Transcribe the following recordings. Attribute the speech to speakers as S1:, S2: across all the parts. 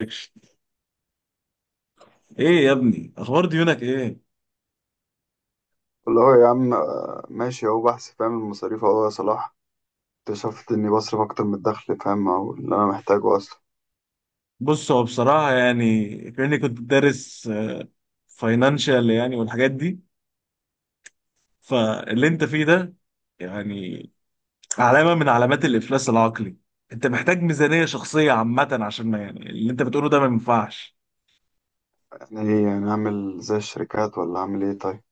S1: اكشن. ايه يا ابني، اخبار ديونك ايه؟
S2: والله يا عم ماشي اهو بحث فاهم المصاريف اهو يا صلاح. اكتشفت اني بصرف اكتر من الدخل، فاهم؟ او اللي انا محتاجه اصلا.
S1: بص، هو بصراحه يعني كاني كنت دارس فاينانشال يعني والحاجات دي. فاللي انت فيه ده يعني علامه من علامات الافلاس العقلي. انت محتاج ميزانيه شخصيه عامه، عشان ما يعني اللي انت بتقوله ده ما ينفعش.
S2: يعني ايه؟ يعني اعمل زي الشركات ولا اعمل ايه؟ طيب.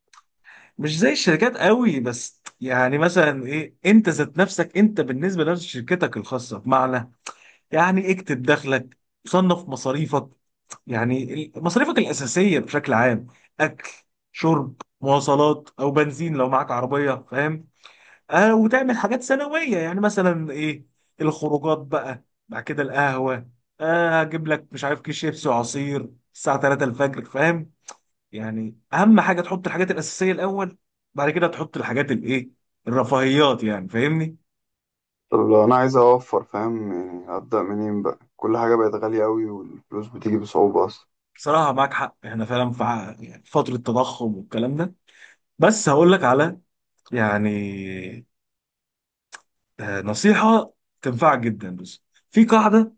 S1: مش زي الشركات قوي، بس يعني مثلا ايه، انت ذات نفسك انت بالنسبه لشركتك الخاصه، بمعنى يعني اكتب دخلك، صنف مصاريفك. يعني مصاريفك الأساسية بشكل عام، أكل، شرب، مواصلات أو بنزين لو معاك عربية، فاهم؟ آه، وتعمل حاجات سنوية، يعني مثلا إيه؟ الخروجات بقى، بعد كده القهوة. آه، هجيب لك مش عارف، كيس شيبسي وعصير الساعة 3 الفجر، فاهم؟ يعني أهم حاجة تحط الحاجات الأساسية الأول، بعد كده تحط الحاجات الإيه، الرفاهيات، يعني فاهمني.
S2: طب لو انا عايز اوفر فاهم، يعني ابدا منين بقى؟ كل حاجه بقت غاليه قوي والفلوس بتيجي بصعوبه اصلا.
S1: بصراحة معاك حق، احنا فعلا في يعني فترة تضخم والكلام ده، بس هقول لك على يعني نصيحة تنفعك جدا. بس في قاعدة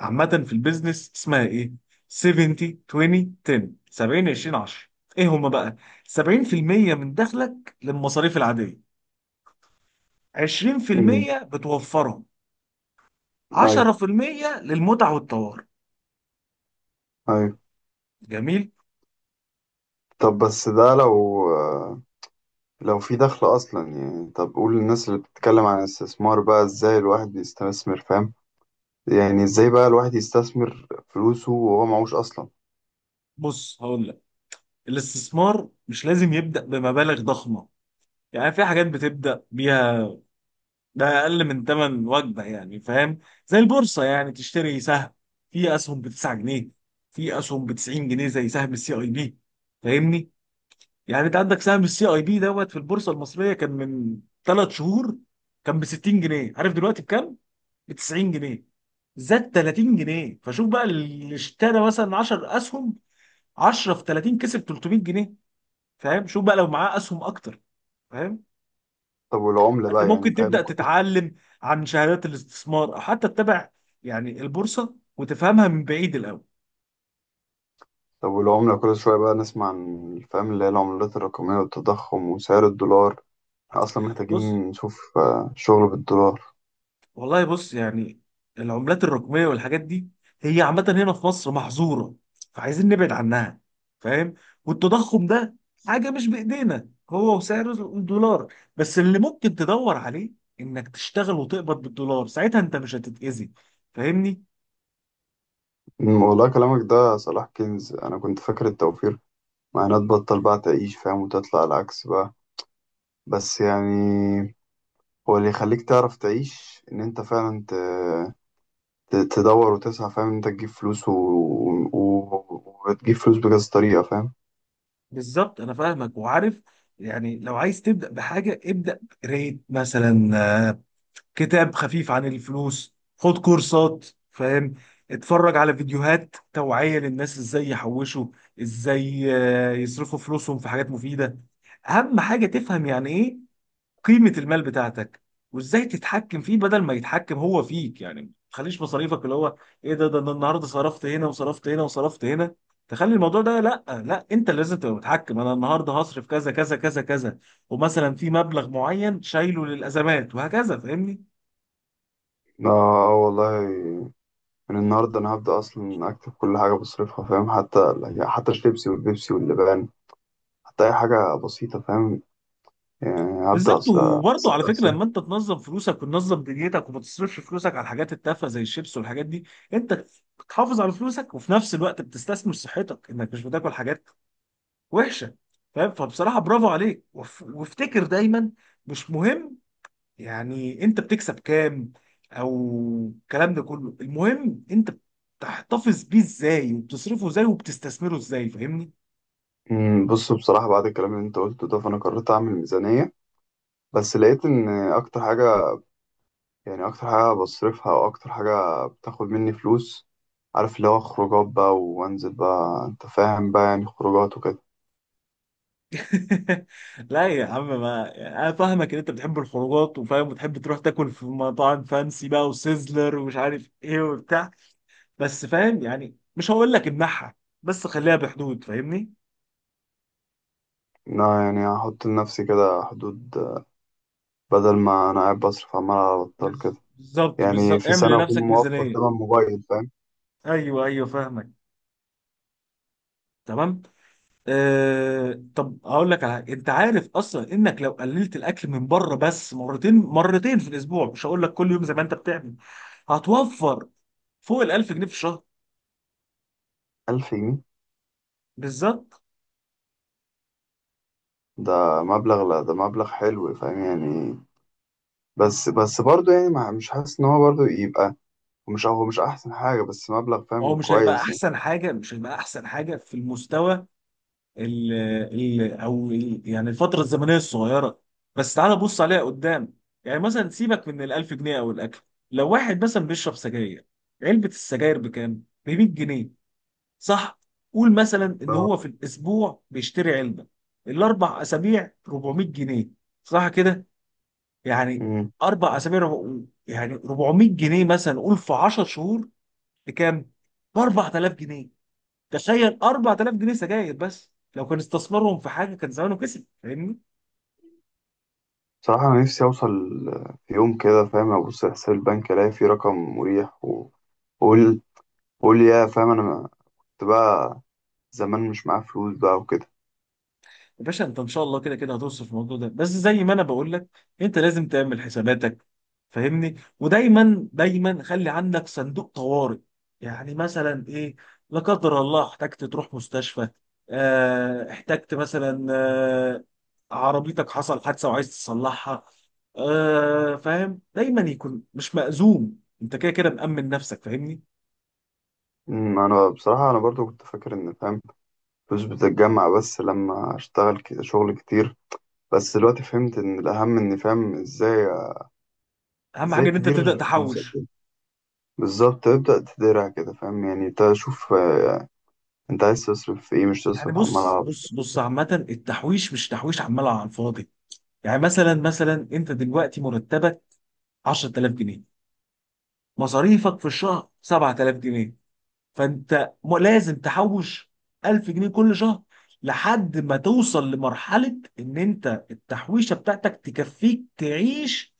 S1: عامة في البيزنس اسمها ايه؟ 70، 20، 10. 70، 20، 10. ايه هما بقى؟ 70% من دخلك للمصاريف العادية،
S2: امم.
S1: 20% بتوفرهم،
S2: ايوه،
S1: 10% للمتع والطوارئ.
S2: ايوه.
S1: جميل.
S2: طب بس ده لو لو في دخل اصلا، يعني. طب قول للناس اللي بتتكلم عن الاستثمار بقى، ازاي الواحد يستثمر؟ فاهم؟ يعني ازاي بقى الواحد يستثمر فلوسه وهو معهوش اصلا؟
S1: بص هقول لك، الاستثمار مش لازم يبدأ بمبالغ ضخمة، يعني في حاجات بتبدأ بيها ده اقل من ثمن وجبه يعني، فاهم؟ زي البورصه، يعني تشتري سهم، في اسهم ب 9 جنيه، في اسهم ب 90 جنيه زي سهم السي اي بي، فاهمني؟ يعني انت عندك سهم السي اي بي دوت في البورصه المصريه كان من ثلاث شهور، كان ب 60 جنيه، عارف دلوقتي بكام؟ ب 90 جنيه، زاد 30 جنيه. فشوف بقى، اللي اشترى مثلا 10 اسهم، 10 في 30، كسب 300 جنيه. فاهم؟ شوف بقى لو معاه اسهم اكتر، فاهم؟
S2: طب والعملة
S1: انت
S2: بقى، يعني
S1: ممكن
S2: فاهم،
S1: تبدا
S2: كل...
S1: تتعلم عن شهادات الاستثمار، او حتى تتابع يعني البورصه وتفهمها من بعيد الاول.
S2: طب والعملة كل شوية بقى نسمع عن، فاهم، اللي هي العملات الرقمية والتضخم وسعر الدولار. احنا أصلا
S1: بص،
S2: محتاجين نشوف شغل بالدولار.
S1: والله بص يعني، العملات الرقميه والحاجات دي هي عامه هنا في مصر محظوره، فعايزين نبعد عنها، فاهم؟ والتضخم ده حاجه مش بايدينا هو وسعر الدولار، بس اللي ممكن تدور عليه انك تشتغل وتقبض بالدولار، ساعتها انت مش هتتاذي، فاهمني؟
S2: والله كلامك ده يا صلاح كنز. أنا كنت فاكر التوفير معناه تبطل بقى تعيش فاهم، وتطلع العكس بقى. بس يعني هو اللي يخليك تعرف تعيش إن أنت فعلا تدور وتسعى، فاهم، إن أنت تجيب فلوس وتجيب فلوس بكذا طريقة، فاهم.
S1: بالظبط، انا فاهمك وعارف، يعني لو عايز تبدا بحاجه، ابدا ريت مثلا آه، كتاب خفيف عن الفلوس، خد كورسات، فاهم؟ اتفرج على فيديوهات توعيه للناس ازاي يحوشوا، ازاي يصرفوا فلوسهم في حاجات مفيده. اهم حاجه تفهم يعني ايه قيمة المال بتاعتك، وازاي تتحكم فيه بدل ما يتحكم هو فيك. يعني ما تخليش مصاريفك اللي هو ايه ده أنا النهارده صرفت هنا وصرفت هنا وصرفت هنا، تخلي الموضوع ده، لا لا، انت اللي لازم تبقى متحكم. انا النهارده هصرف كذا كذا كذا كذا، ومثلا في مبلغ معين شايله للازمات، وهكذا، فاهمني؟
S2: اه. والله، من النهاردة أنا هبدأ أصلا أكتب كل حاجة بصرفها، فاهم؟ حتى، يعني حتى الشيبسي والبيبسي واللبان، حتى أي حاجة بسيطة، فاهم. يعني هبدأ
S1: بالظبط، وبرضه
S2: أحسب
S1: على فكره،
S2: أحسب.
S1: لما انت تنظم فلوسك وتنظم دنيتك وما تصرفش فلوسك على الحاجات التافهه زي الشيبس والحاجات دي، انت بتحافظ على فلوسك وفي نفس الوقت بتستثمر صحتك انك مش بتاكل حاجات وحشه، فاهم؟ فبصراحه برافو عليك، وافتكر دايما، مش مهم يعني انت بتكسب كام او الكلام ده كله، المهم انت بتحتفظ بيه ازاي وبتصرفه ازاي وبتستثمره ازاي، فاهمني؟
S2: بص بصراحة بعد الكلام اللي أنت قلته ده فأنا قررت أعمل ميزانية. بس لقيت إن أكتر حاجة، يعني أكتر حاجة بصرفها، أو أكتر حاجة بتاخد مني فلوس، عارف اللي هو خروجات بقى، وأنزل بقى، أنت فاهم بقى، يعني خروجات وكده.
S1: لا يا عم، ما انا فاهمك ان انت بتحب الخروجات وفاهم، وتحب تروح تاكل في مطاعم فانسي بقى وسيزلر ومش عارف ايه وبتاع، بس فاهم يعني مش هقول لك امنعها، بس خليها بحدود، فاهمني؟
S2: إن أنا يعني هحط لنفسي كده حدود، بدل ما أنا قاعد بصرف عمال على بطال كده.
S1: بالظبط
S2: يعني
S1: بالظبط،
S2: في
S1: اعمل
S2: سنة أكون
S1: لنفسك
S2: موفر تمن
S1: ميزانية.
S2: موبايل، فاهم.
S1: ايوه ايوه، فاهمك، تمام. آه، طب هقول لك على حاجه، انت عارف اصلا انك لو قللت الاكل من بره بس مرتين مرتين في الاسبوع، مش هقول لك كل يوم زي ما انت بتعمل، هتوفر فوق ال 1000 جنيه في الشهر.
S2: 1000 جنيه؟
S1: بالظبط.
S2: ده مبلغ، لا ده مبلغ حلو، فاهم يعني. بس برضه يعني، ما مش حاسس إن هو برضه يبقى... مش، هو مش أحسن حاجة، بس مبلغ
S1: هو
S2: فاهم
S1: مش هيبقى
S2: كويس، يعني.
S1: احسن حاجه، مش هيبقى احسن حاجه في المستوى ال ال او ال يعني الفتره الزمنيه الصغيره، بس تعالى بص عليها قدام. يعني مثلا سيبك من ال 1000 جنيه او الاكل، لو واحد مثلا بيشرب سجاير، علبه السجاير بكام؟ ب 100 جنيه، صح؟ قول مثلا ان
S2: آه.
S1: هو في الاسبوع بيشتري علبه، الاربع اسابيع 400 جنيه، صح كده؟ يعني
S2: أمم.
S1: اربع اسابيع، يعني 400 جنيه مثلا، قول في 10 شهور بكام؟ ب 4000 جنيه. تخيل، 4000 جنيه سجاير بس، لو كان استثمرهم في حاجه كان زمانه كسب، فاهمني؟
S2: صراحة أنا نفسي أوصل في يوم كده، فاهم، أبص على حساب البنك ألاقي فيه رقم مريح وأقول، أقول يا فاهم، أنا كنت بقى زمان مش معايا فلوس بقى وكده.
S1: يا باشا، انت ان شاء الله كده كده هتوصل في الموضوع ده، بس زي ما انا بقول لك انت لازم تعمل حساباتك، فاهمني؟ ودايما دايما خلي عندك صندوق طوارئ، يعني مثلا ايه؟ لا قدر الله احتجت تروح مستشفى، اه احتجت مثلا عربيتك حصل حادثة وعايز تصلحها، اه فاهم، دايما يكون مش مأزوم، انت كده كده مأمن نفسك، فاهمني؟
S2: أنا بصراحة أنا برضو كنت فاكر إن، فاهم، فلوس بتتجمع بس لما أشتغل كده شغل كتير. بس دلوقتي فهمت ان الاهم اني فاهم ازاي.
S1: اهم
S2: ازاي
S1: حاجة ان انت تبدأ
S2: تدير فلوسك،
S1: تحوش.
S2: يعني. بالظبط تبدأ تديرها كده، فاهم، يعني تشوف انت عايز تصرف في ايه، مش
S1: يعني
S2: تصرف على
S1: بص
S2: العربي.
S1: بص بص، عامة التحويش مش تحويش عمال على الفاضي. يعني مثلا مثلا انت دلوقتي مرتبك 10000 جنيه، مصاريفك في الشهر 7000 جنيه، فانت لازم تحوش 1000 جنيه كل شهر، لحد ما توصل لمرحلة ان انت التحويشة بتاعتك تكفيك تعيش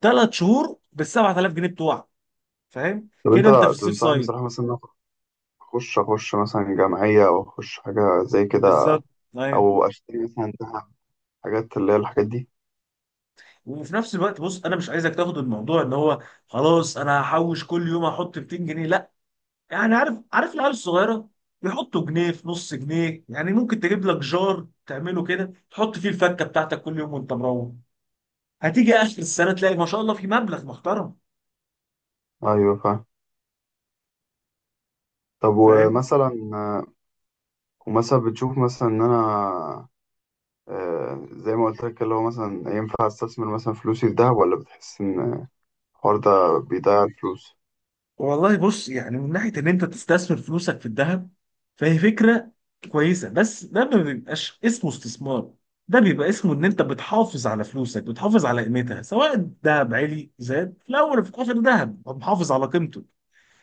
S1: 3 شهور بال 7000 جنيه بتوعك، فاهم
S2: طب انت
S1: كده؟ انت في السيف
S2: تنصحني
S1: سايد.
S2: بصراحة مثلا إن أنا اخش اخش مثلا جمعية، او اخش حاجة زي كده؟
S1: بالظبط، ايوه.
S2: او اشتري مثلا ذهب، حاجات اللي هي الحاجات دي؟
S1: وفي نفس الوقت بص، انا مش عايزك تاخد الموضوع ان هو خلاص انا هحوش كل يوم احط 200 جنيه. يعني عارف عارف، العيال الصغيره بيحطوا جنيه في نص جنيه، يعني ممكن تجيب لك جار تعمله كده تحط فيه الفكه بتاعتك كل يوم وانت مروح، هتيجي اخر السنه تلاقي ما شاء الله في مبلغ محترم،
S2: ايوه، فاهم. طب
S1: فاهم؟
S2: ومثلا ومثلا بتشوف مثلا ان انا، زي ما قلت لك اللي هو مثلا ينفع استثمر مثلا فلوسي في دهب، ولا بتحس ان الحوار ده بيضيع الفلوس؟
S1: والله بص يعني، من ناحيه ان انت تستثمر فلوسك في الذهب، فهي فكره كويسه، بس ده ما بيبقاش اسمه استثمار، ده بيبقى اسمه ان انت بتحافظ على فلوسك، بتحافظ على قيمتها، سواء الذهب عالي زاد في الاول وفي الاخر، ذهب محافظ على قيمته.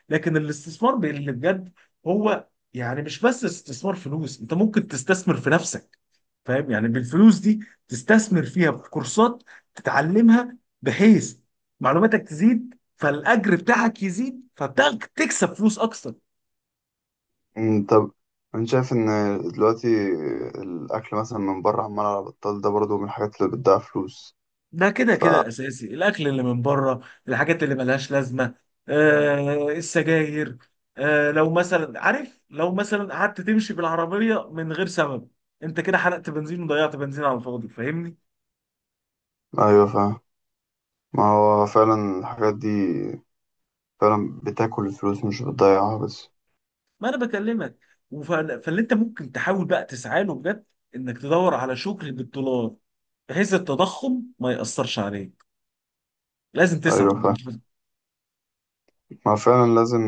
S1: لكن الاستثمار اللي بجد هو يعني مش بس استثمار فلوس، انت ممكن تستثمر في نفسك، فاهم؟ يعني بالفلوس دي تستثمر فيها في كورسات تتعلمها، بحيث معلوماتك تزيد فالاجر بتاعك يزيد فتكسب فلوس اكتر.
S2: طب، أنا شايف إن دلوقتي الأكل مثلا من بره عمال على بطال ده برضه من الحاجات اللي بتضيع فلوس.
S1: ده كده
S2: ف
S1: كده اساسي، الاكل اللي من بره، الحاجات اللي ملهاش لازمه، آه السجاير، آه لو مثلا عارف لو مثلا قعدت تمشي بالعربيه من غير سبب، انت كده حرقت بنزين وضيعت بنزين على الفاضي، فاهمني؟
S2: أيوة فاهم. ما هو فعلا الحاجات دي فعلا بتاكل الفلوس مش بتضيعها بس.
S1: ما انا بكلمك، فاللي انت ممكن تحاول بقى تسعى له بجد انك تدور على شغل بالدولار بحيث التضخم ما يأثرش عليك، لازم تسعى.
S2: أيوة فاهم. ما فعلا لازم،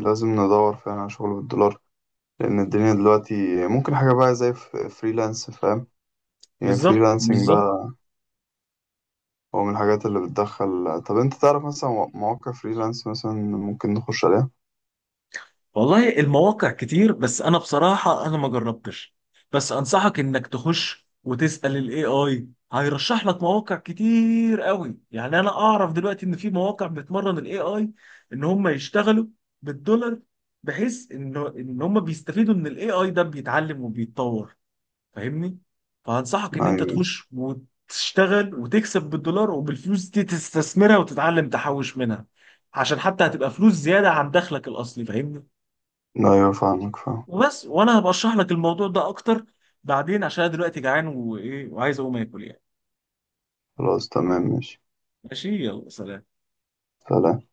S2: لازم ندور فعلا على شغل بالدولار، لأن الدنيا دلوقتي ممكن حاجة بقى زي فريلانس، فاهم. يعني
S1: بالظبط
S2: فريلانسنج
S1: بالظبط.
S2: بقى هو من الحاجات اللي بتدخل. طب أنت تعرف مثلا مواقع فريلانس مثلا ممكن نخش عليها؟
S1: والله المواقع كتير، بس انا بصراحة انا ما جربتش، بس انصحك انك تخش وتسأل الاي اي، هيرشح لك مواقع كتير قوي، يعني انا اعرف دلوقتي ان في مواقع بتمرن الاي اي ان هم يشتغلوا بالدولار، بحيث ان هم بيستفيدوا ان الاي اي ده بيتعلم وبيتطور، فاهمني؟ فهنصحك ان انت
S2: أيوة،
S1: تخش وتشتغل وتكسب بالدولار، وبالفلوس دي تستثمرها وتتعلم تحوش منها، عشان حتى هتبقى فلوس زيادة عن دخلك الأصلي، فاهمني؟
S2: أيوة، فاهمك فاهم.
S1: وبس، وانا هبقى اشرح لك الموضوع ده اكتر بعدين، عشان أنا دلوقتي جعان وايه وعايز اقوم اكل يعني.
S2: خلاص تمام، ماشي.
S1: ماشي، يلا سلام.
S2: سلام.